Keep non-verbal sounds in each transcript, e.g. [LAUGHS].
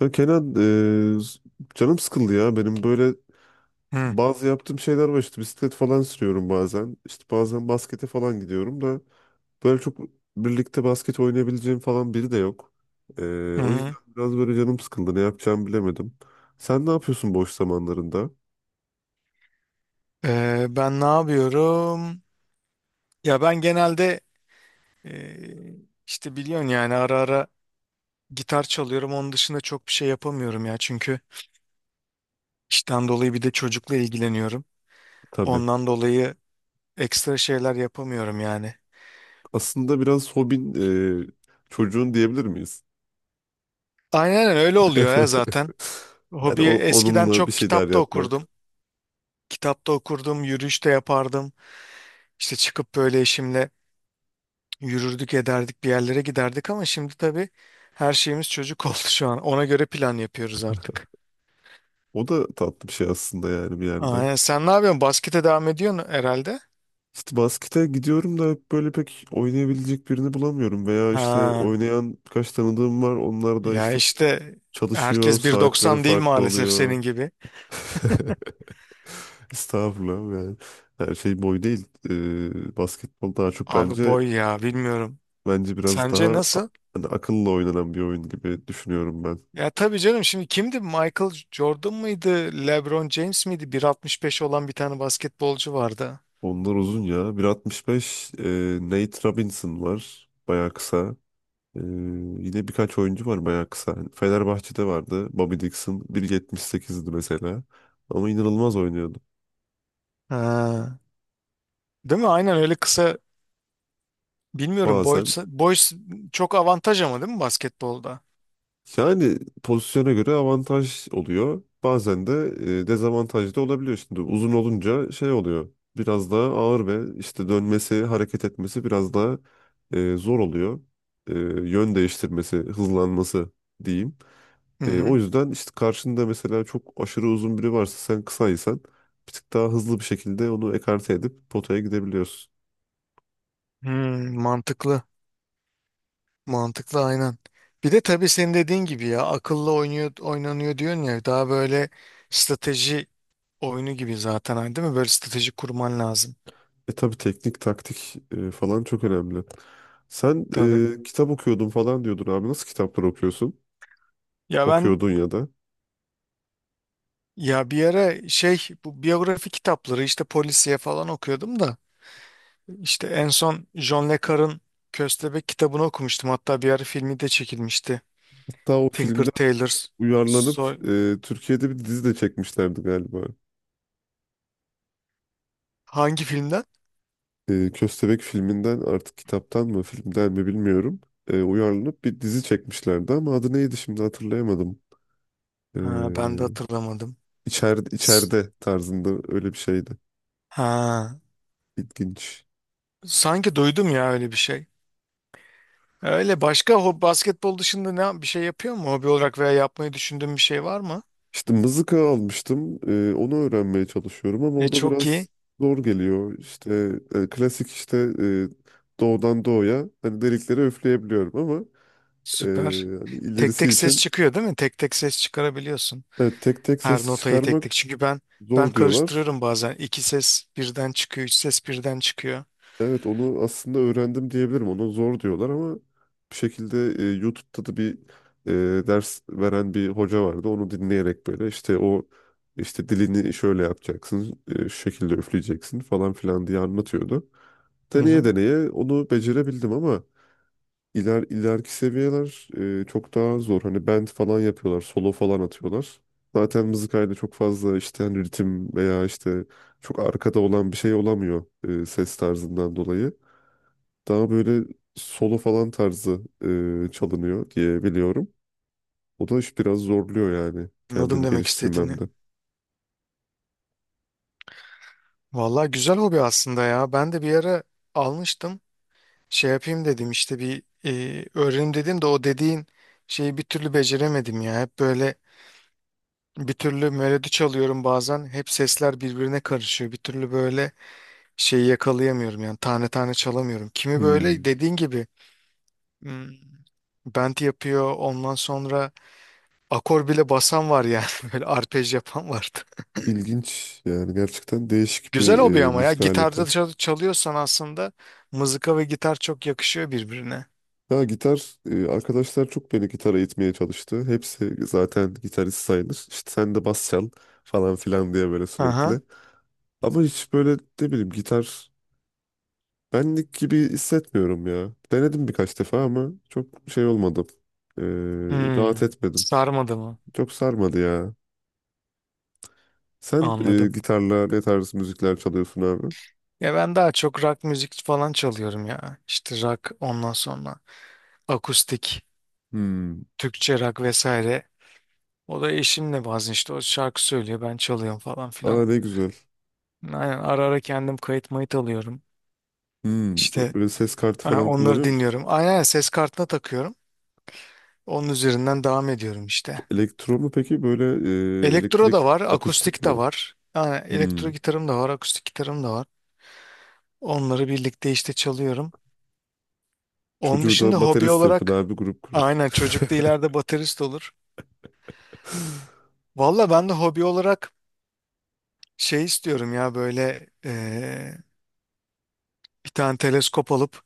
Ya Kenan, canım sıkıldı ya benim böyle Hı bazı yaptığım şeyler var işte bisiklet falan sürüyorum bazen işte bazen baskete falan gidiyorum da böyle çok birlikte basket oynayabileceğim falan biri de yok. Hı. O yüzden Hı. biraz böyle canım sıkıldı ne yapacağımı bilemedim. Sen ne yapıyorsun boş zamanlarında? Ben ne yapıyorum? Ya ben genelde, e, işte biliyorsun yani ara ara gitar çalıyorum. Onun dışında çok bir şey yapamıyorum ya. Çünkü işten dolayı bir de çocukla ilgileniyorum. Tabii Ondan dolayı ekstra şeyler yapamıyorum yani. aslında biraz hobin eee, çocuğun diyebilir miyiz? Aynen öyle oluyor ya zaten. [LAUGHS] Hani Hobi eskiden onunla bir çok şeyler kitap da yapmak okurdum. Kitap da okurdum, yürüyüş de yapardım. İşte çıkıp böyle eşimle yürürdük ederdik, bir yerlere giderdik ama şimdi tabii her şeyimiz çocuk [LAUGHS] oldu şu an. Ona göre plan yapıyoruz artık. o da tatlı bir şey aslında yani bir yerde. Aa, sen ne yapıyorsun? Baskete devam ediyorsun herhalde. İşte baskete gidiyorum da hep böyle pek oynayabilecek birini bulamıyorum. Veya işte Ha, oynayan kaç tanıdığım var. Onlar da ya işte işte çalışıyor, herkes bir saatleri doksan değil farklı maalesef senin oluyor. gibi. [LAUGHS] Estağfurullah yani. Her şey boy değil. Basketbol daha çok Abi bence boy ya bilmiyorum. bence Sence nasıl? hani akılla oynanan bir oyun gibi düşünüyorum ben. Ya tabii canım, şimdi kimdi? Michael Jordan mıydı? LeBron James miydi? 1,65 olan bir tane basketbolcu vardı. Onlar uzun ya. 1,65 Nate Robinson var. Bayağı kısa. Ee, Yine birkaç oyuncu var bayağı kısa. Fenerbahçe'de vardı. Bobby Dixon 1,78'di mesela. Ama inanılmaz oynuyordu. Ha, değil mi? Aynen öyle kısa. Bilmiyorum, boy Bazen boy çok avantaj ama değil mi basketbolda? yani pozisyona göre avantaj oluyor. Bazen de dezavantaj da olabiliyor. Şimdi uzun olunca şey oluyor. Biraz daha ağır ve işte dönmesi, hareket etmesi biraz daha zor oluyor. E, Yön değiştirmesi, hızlanması diyeyim. Hı O hı. yüzden işte karşında mesela çok aşırı uzun biri varsa sen kısaysan bir tık daha hızlı bir şekilde onu ekarte edip potaya gidebiliyorsun. Hmm, mantıklı. Mantıklı aynen. Bir de tabii senin dediğin gibi ya, akıllı oynuyor oynanıyor diyorsun ya, daha böyle strateji oyunu gibi zaten hani değil mi? Böyle strateji kurman lazım. Tabii teknik, taktik falan çok önemli. Sen Tabii. Kitap okuyordun falan diyordun abi. Nasıl kitaplar okuyorsun? Ya ben Okuyordun ya da. ya bir ara şey, bu biyografi kitapları, işte polisiye falan okuyordum da işte en son John Le Carre'ın Köstebek kitabını okumuştum. Hatta bir ara filmi de çekilmişti. Hatta o Tinker filmden Tailor. uyarlanıp Türkiye'de bir dizi de çekmişlerdi galiba. Hangi filmden? Köstebek filminden artık kitaptan mı filmden mi bilmiyorum. Uyarlanıp bir dizi çekmişlerdi ama adı neydi şimdi hatırlayamadım. E, Ha, ben de hatırlamadım. İçeride, içeride tarzında öyle bir şeydi. Ha, İlginç. sanki duydum ya öyle bir şey. Basketbol dışında ne bir şey yapıyor mu? Hobi olarak veya yapmayı düşündüğün bir şey var mı? İşte mızıka almıştım. Onu öğrenmeye çalışıyorum ama o da Çok biraz iyi. zor geliyor. İşte klasik işte doğudan doğuya hani delikleri üfleyebiliyorum ama e, Süper. hani Tek ilerisi tek ses için çıkıyor değil mi? Tek tek ses çıkarabiliyorsun. evet, tek tek Her ses notayı tek çıkarmak tek. Çünkü ben zor diyorlar. karıştırıyorum bazen. İki ses birden çıkıyor, üç ses birden çıkıyor. Evet onu aslında öğrendim diyebilirim. Onu zor diyorlar ama bir şekilde YouTube'da da bir ders veren bir hoca vardı. Onu dinleyerek böyle işte o işte dilini şöyle yapacaksın, şu şekilde üfleyeceksin falan filan diye anlatıyordu. Hı Deneye hı. deneye onu becerebildim ama ileriki seviyeler çok daha zor. Hani band falan yapıyorlar, solo falan atıyorlar. Zaten mızıkayla çok fazla işte hani ritim veya işte çok arkada olan bir şey olamıyor ses tarzından dolayı. Daha böyle solo falan tarzı çalınıyor diye biliyorum. O da iş biraz zorluyor yani Anladım kendimi demek istediğini. geliştirmemde. Vallahi güzel hobi aslında ya. Ben de bir ara almıştım. Şey yapayım dedim, işte bir öğrenim dedim de o dediğin şeyi bir türlü beceremedim ya. Hep böyle bir türlü melodi çalıyorum bazen. Hep sesler birbirine karışıyor. Bir türlü böyle şeyi yakalayamıyorum yani, tane tane çalamıyorum. Kimi böyle Hmm, dediğin gibi hmm, bend yapıyor, ondan sonra akor bile basan var yani [LAUGHS] böyle arpej yapan vardı. ilginç yani gerçekten değişik Güzel bir hobi ama ya, müzik gitarda aleti. Çalıyorsan aslında mızıka ve gitar çok yakışıyor birbirine. Ya gitar arkadaşlar çok beni gitara itmeye çalıştı. Hepsi zaten gitarist sayılır. İşte sen de bas çal falan filan diye böyle Aha. sürekli. Ama hiç böyle ne bileyim gitar benlik gibi hissetmiyorum ya. Denedim birkaç defa ama çok şey olmadı. E, Rahat Hmm. etmedim. Sarmadı mı? Çok sarmadı ya. Sen Anladım. gitarla ne tarz müzikler çalıyorsun abi? Ya ben daha çok rock müzik falan çalıyorum ya. İşte rock, ondan sonra akustik, Hmm. Türkçe rock vesaire. O da eşimle bazen, işte o şarkı söylüyor, ben çalıyorum falan filan. Aa ne güzel. Aynen, ara ara kendim kayıt mayıt alıyorum. Hmm. İşte Böyle ses kartı ha, falan onları kullanıyor musun? dinliyorum. Aynen ses kartına takıyorum. Onun üzerinden devam ediyorum işte. Elektro mu peki? Böyle Elektro da elektrik var, akustik akustik de mi? var. Yani elektro Hmm. gitarım da var, akustik gitarım da var. Onları birlikte işte çalıyorum. Onun Çocuğu dışında da hobi baterist yapın olarak, abi grup kurun. [LAUGHS] aynen, çocuk da ileride baterist olur. Valla ben de hobi olarak şey istiyorum ya, böyle bir tane teleskop alıp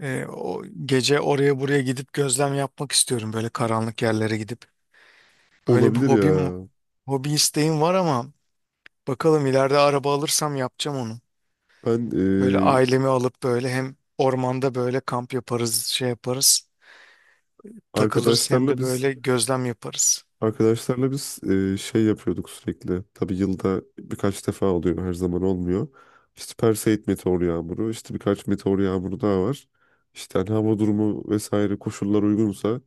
o gece oraya buraya gidip gözlem yapmak istiyorum, böyle karanlık yerlere gidip. Öyle bir Olabilir ya. hobim, hobi isteğim var ama bakalım ileride araba alırsam yapacağım onu. Ben e, Böyle ailemi alıp, böyle hem ormanda böyle kamp yaparız, şey yaparız, takılırız, hem arkadaşlarla de biz böyle gözlem yaparız. Arkadaşlarla biz şey yapıyorduk sürekli. Tabii yılda birkaç defa oluyor, her zaman olmuyor. İşte Perseid meteor yağmuru, işte birkaç meteor yağmuru daha var. İşte hani hava durumu vesaire koşullar uygunsa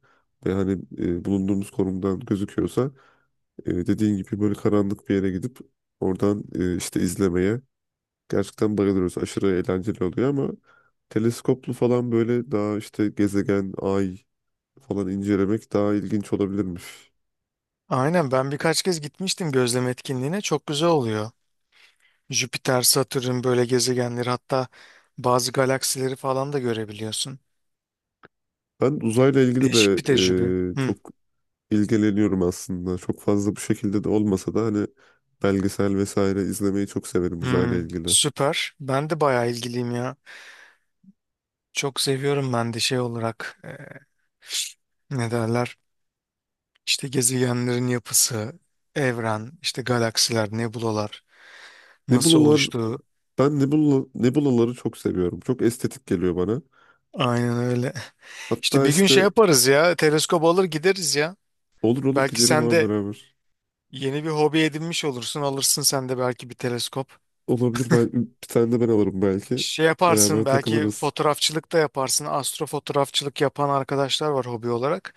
ve hani bulunduğumuz konumdan gözüküyorsa dediğin gibi böyle karanlık bir yere gidip oradan işte izlemeye gerçekten bayılıyoruz. Aşırı eğlenceli oluyor ama teleskoplu falan böyle daha işte gezegen, ay falan incelemek daha ilginç olabilirmiş. Aynen, ben birkaç kez gitmiştim gözlem etkinliğine, çok güzel oluyor. Jüpiter, Satürn böyle gezegenleri, hatta bazı galaksileri falan da görebiliyorsun. Ben uzayla ilgili Değişik de bir tecrübe. Hı. çok ilgileniyorum aslında. Çok fazla bu şekilde de olmasa da hani belgesel vesaire izlemeyi çok severim uzayla Hı. ilgili. Süper. Ben de bayağı ilgiliyim ya. Çok seviyorum ben de, şey olarak, ne derler? İşte gezegenlerin yapısı, evren, işte galaksiler, nebulalar nasıl Nebulalar, oluştuğu. Nebulaları çok seviyorum. Çok estetik geliyor bana. Aynen öyle. [LAUGHS] İşte Hatta bir gün şey işte yaparız ya. Teleskop alır gideriz ya. olur olur Belki gidelim sen ama de beraber. yeni bir hobi edinmiş olursun. Alırsın sen de belki bir teleskop. Olabilir ben bir tane de ben alırım belki. Şey Beraber yaparsın, belki takılırız. fotoğrafçılık da yaparsın. Astrofotoğrafçılık yapan arkadaşlar var hobi olarak.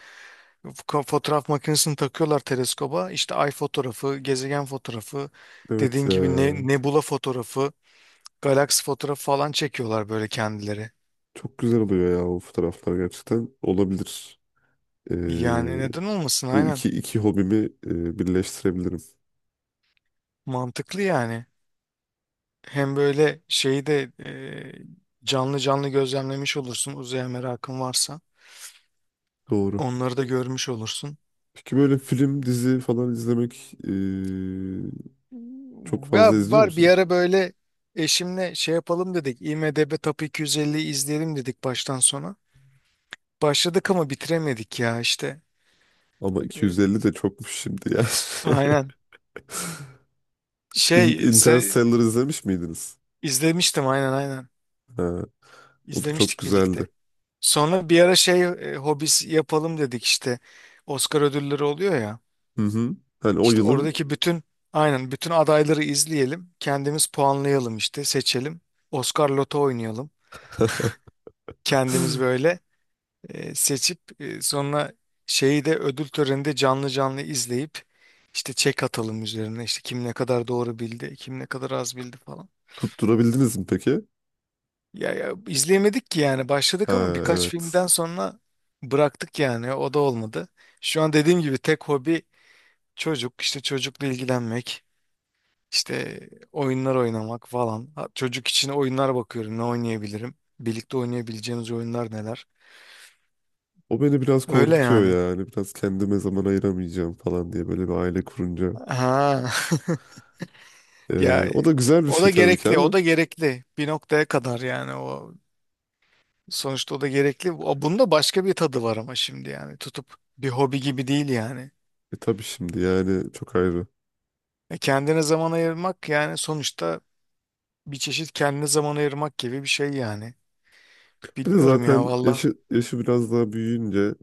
Fotoğraf makinesini takıyorlar teleskoba. İşte ay fotoğrafı, gezegen fotoğrafı, Evet dediğin ya. gibi ne, nebula fotoğrafı, galaksi fotoğrafı falan çekiyorlar böyle kendileri. Çok güzel oluyor ya o fotoğraflar gerçekten. Olabilir. E, Yani neden olmasın, Bu aynen. iki hobimi birleştirebilirim. Mantıklı yani. Hem böyle şeyi de canlı canlı gözlemlemiş olursun uzaya merakın varsa. Doğru. Onları da görmüş olursun. Peki böyle film, dizi falan izlemek çok Ya fazla izliyor var bir musunuz? ara böyle, eşimle şey yapalım dedik. IMDb Top 250'yi izleyelim dedik baştan sona. Başladık ama bitiremedik ya işte. Ama iki Ee, yüz elli de çokmuş şimdi ya. [LAUGHS] aynen. Şey se- Interstellar izlemiş miydiniz? izlemiştim aynen aynen. Ha, o da çok İzlemiştik güzeldi. birlikte. Sonra bir ara şey, hobis yapalım dedik işte. Oscar ödülleri oluyor ya. Hı hı. Hani o İşte yılın oradaki bütün, aynen, bütün adayları izleyelim. Kendimiz puanlayalım, işte seçelim. Oscar Loto oynayalım. Kendimiz böyle seçip sonra şeyi de ödül töreninde canlı canlı izleyip işte çek atalım üzerine, işte kim ne kadar doğru bildi, kim ne kadar az bildi falan. tutturabildiniz mi peki? Ya, ya izleyemedik ki yani, başladık ama Ha, birkaç, evet, evet. filmden sonra bıraktık yani, o da olmadı. Şu an dediğim gibi tek hobi çocuk, işte çocukla ilgilenmek, işte oyunlar oynamak falan. Ha, çocuk için oyunlar bakıyorum ne oynayabilirim. Birlikte oynayabileceğimiz oyunlar neler. O beni biraz Öyle korkutuyor yani. yani. Biraz kendime zaman ayıramayacağım falan diye böyle bir aile kurunca. Ha. [LAUGHS] Ya, O da güzel bir o şey da tabii ki gerekli, o ama. da gerekli. Bir noktaya kadar yani, o sonuçta o da gerekli. O bunda başka bir tadı var ama şimdi yani, tutup bir hobi gibi değil yani. Tabii şimdi yani çok ayrı. Kendine zaman ayırmak yani sonuçta, bir çeşit kendine zaman ayırmak gibi bir şey yani. Bir de Bilmiyorum ya zaten valla. yaşı biraz daha büyüyünce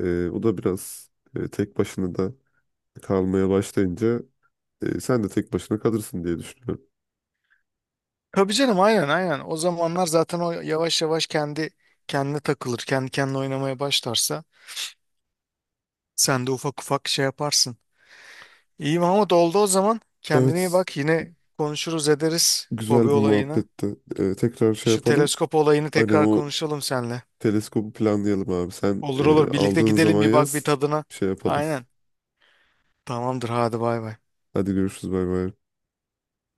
O da biraz tek başına da kalmaya başlayınca sen de tek başına kalırsın diye düşünüyorum. Tabii canım, aynen aynen. O zamanlar zaten o yavaş yavaş kendi kendine takılır. Kendi kendine oynamaya başlarsa sen de ufak ufak şey yaparsın. İyi Mahmut oldu o zaman. Kendine iyi Evet, bak, yine konuşuruz ederiz hobi güzel bir olayına. muhabbetti. Tekrar şey Şu yapalım. teleskop olayını Aynen tekrar o konuşalım seninle. teleskobu planlayalım abi. Sen Olur olur birlikte aldığın gidelim zaman bir, bak bir yaz, tadına. şey yapalım. Aynen. Tamamdır hadi bay bay. Hadi görüşürüz, bay bay.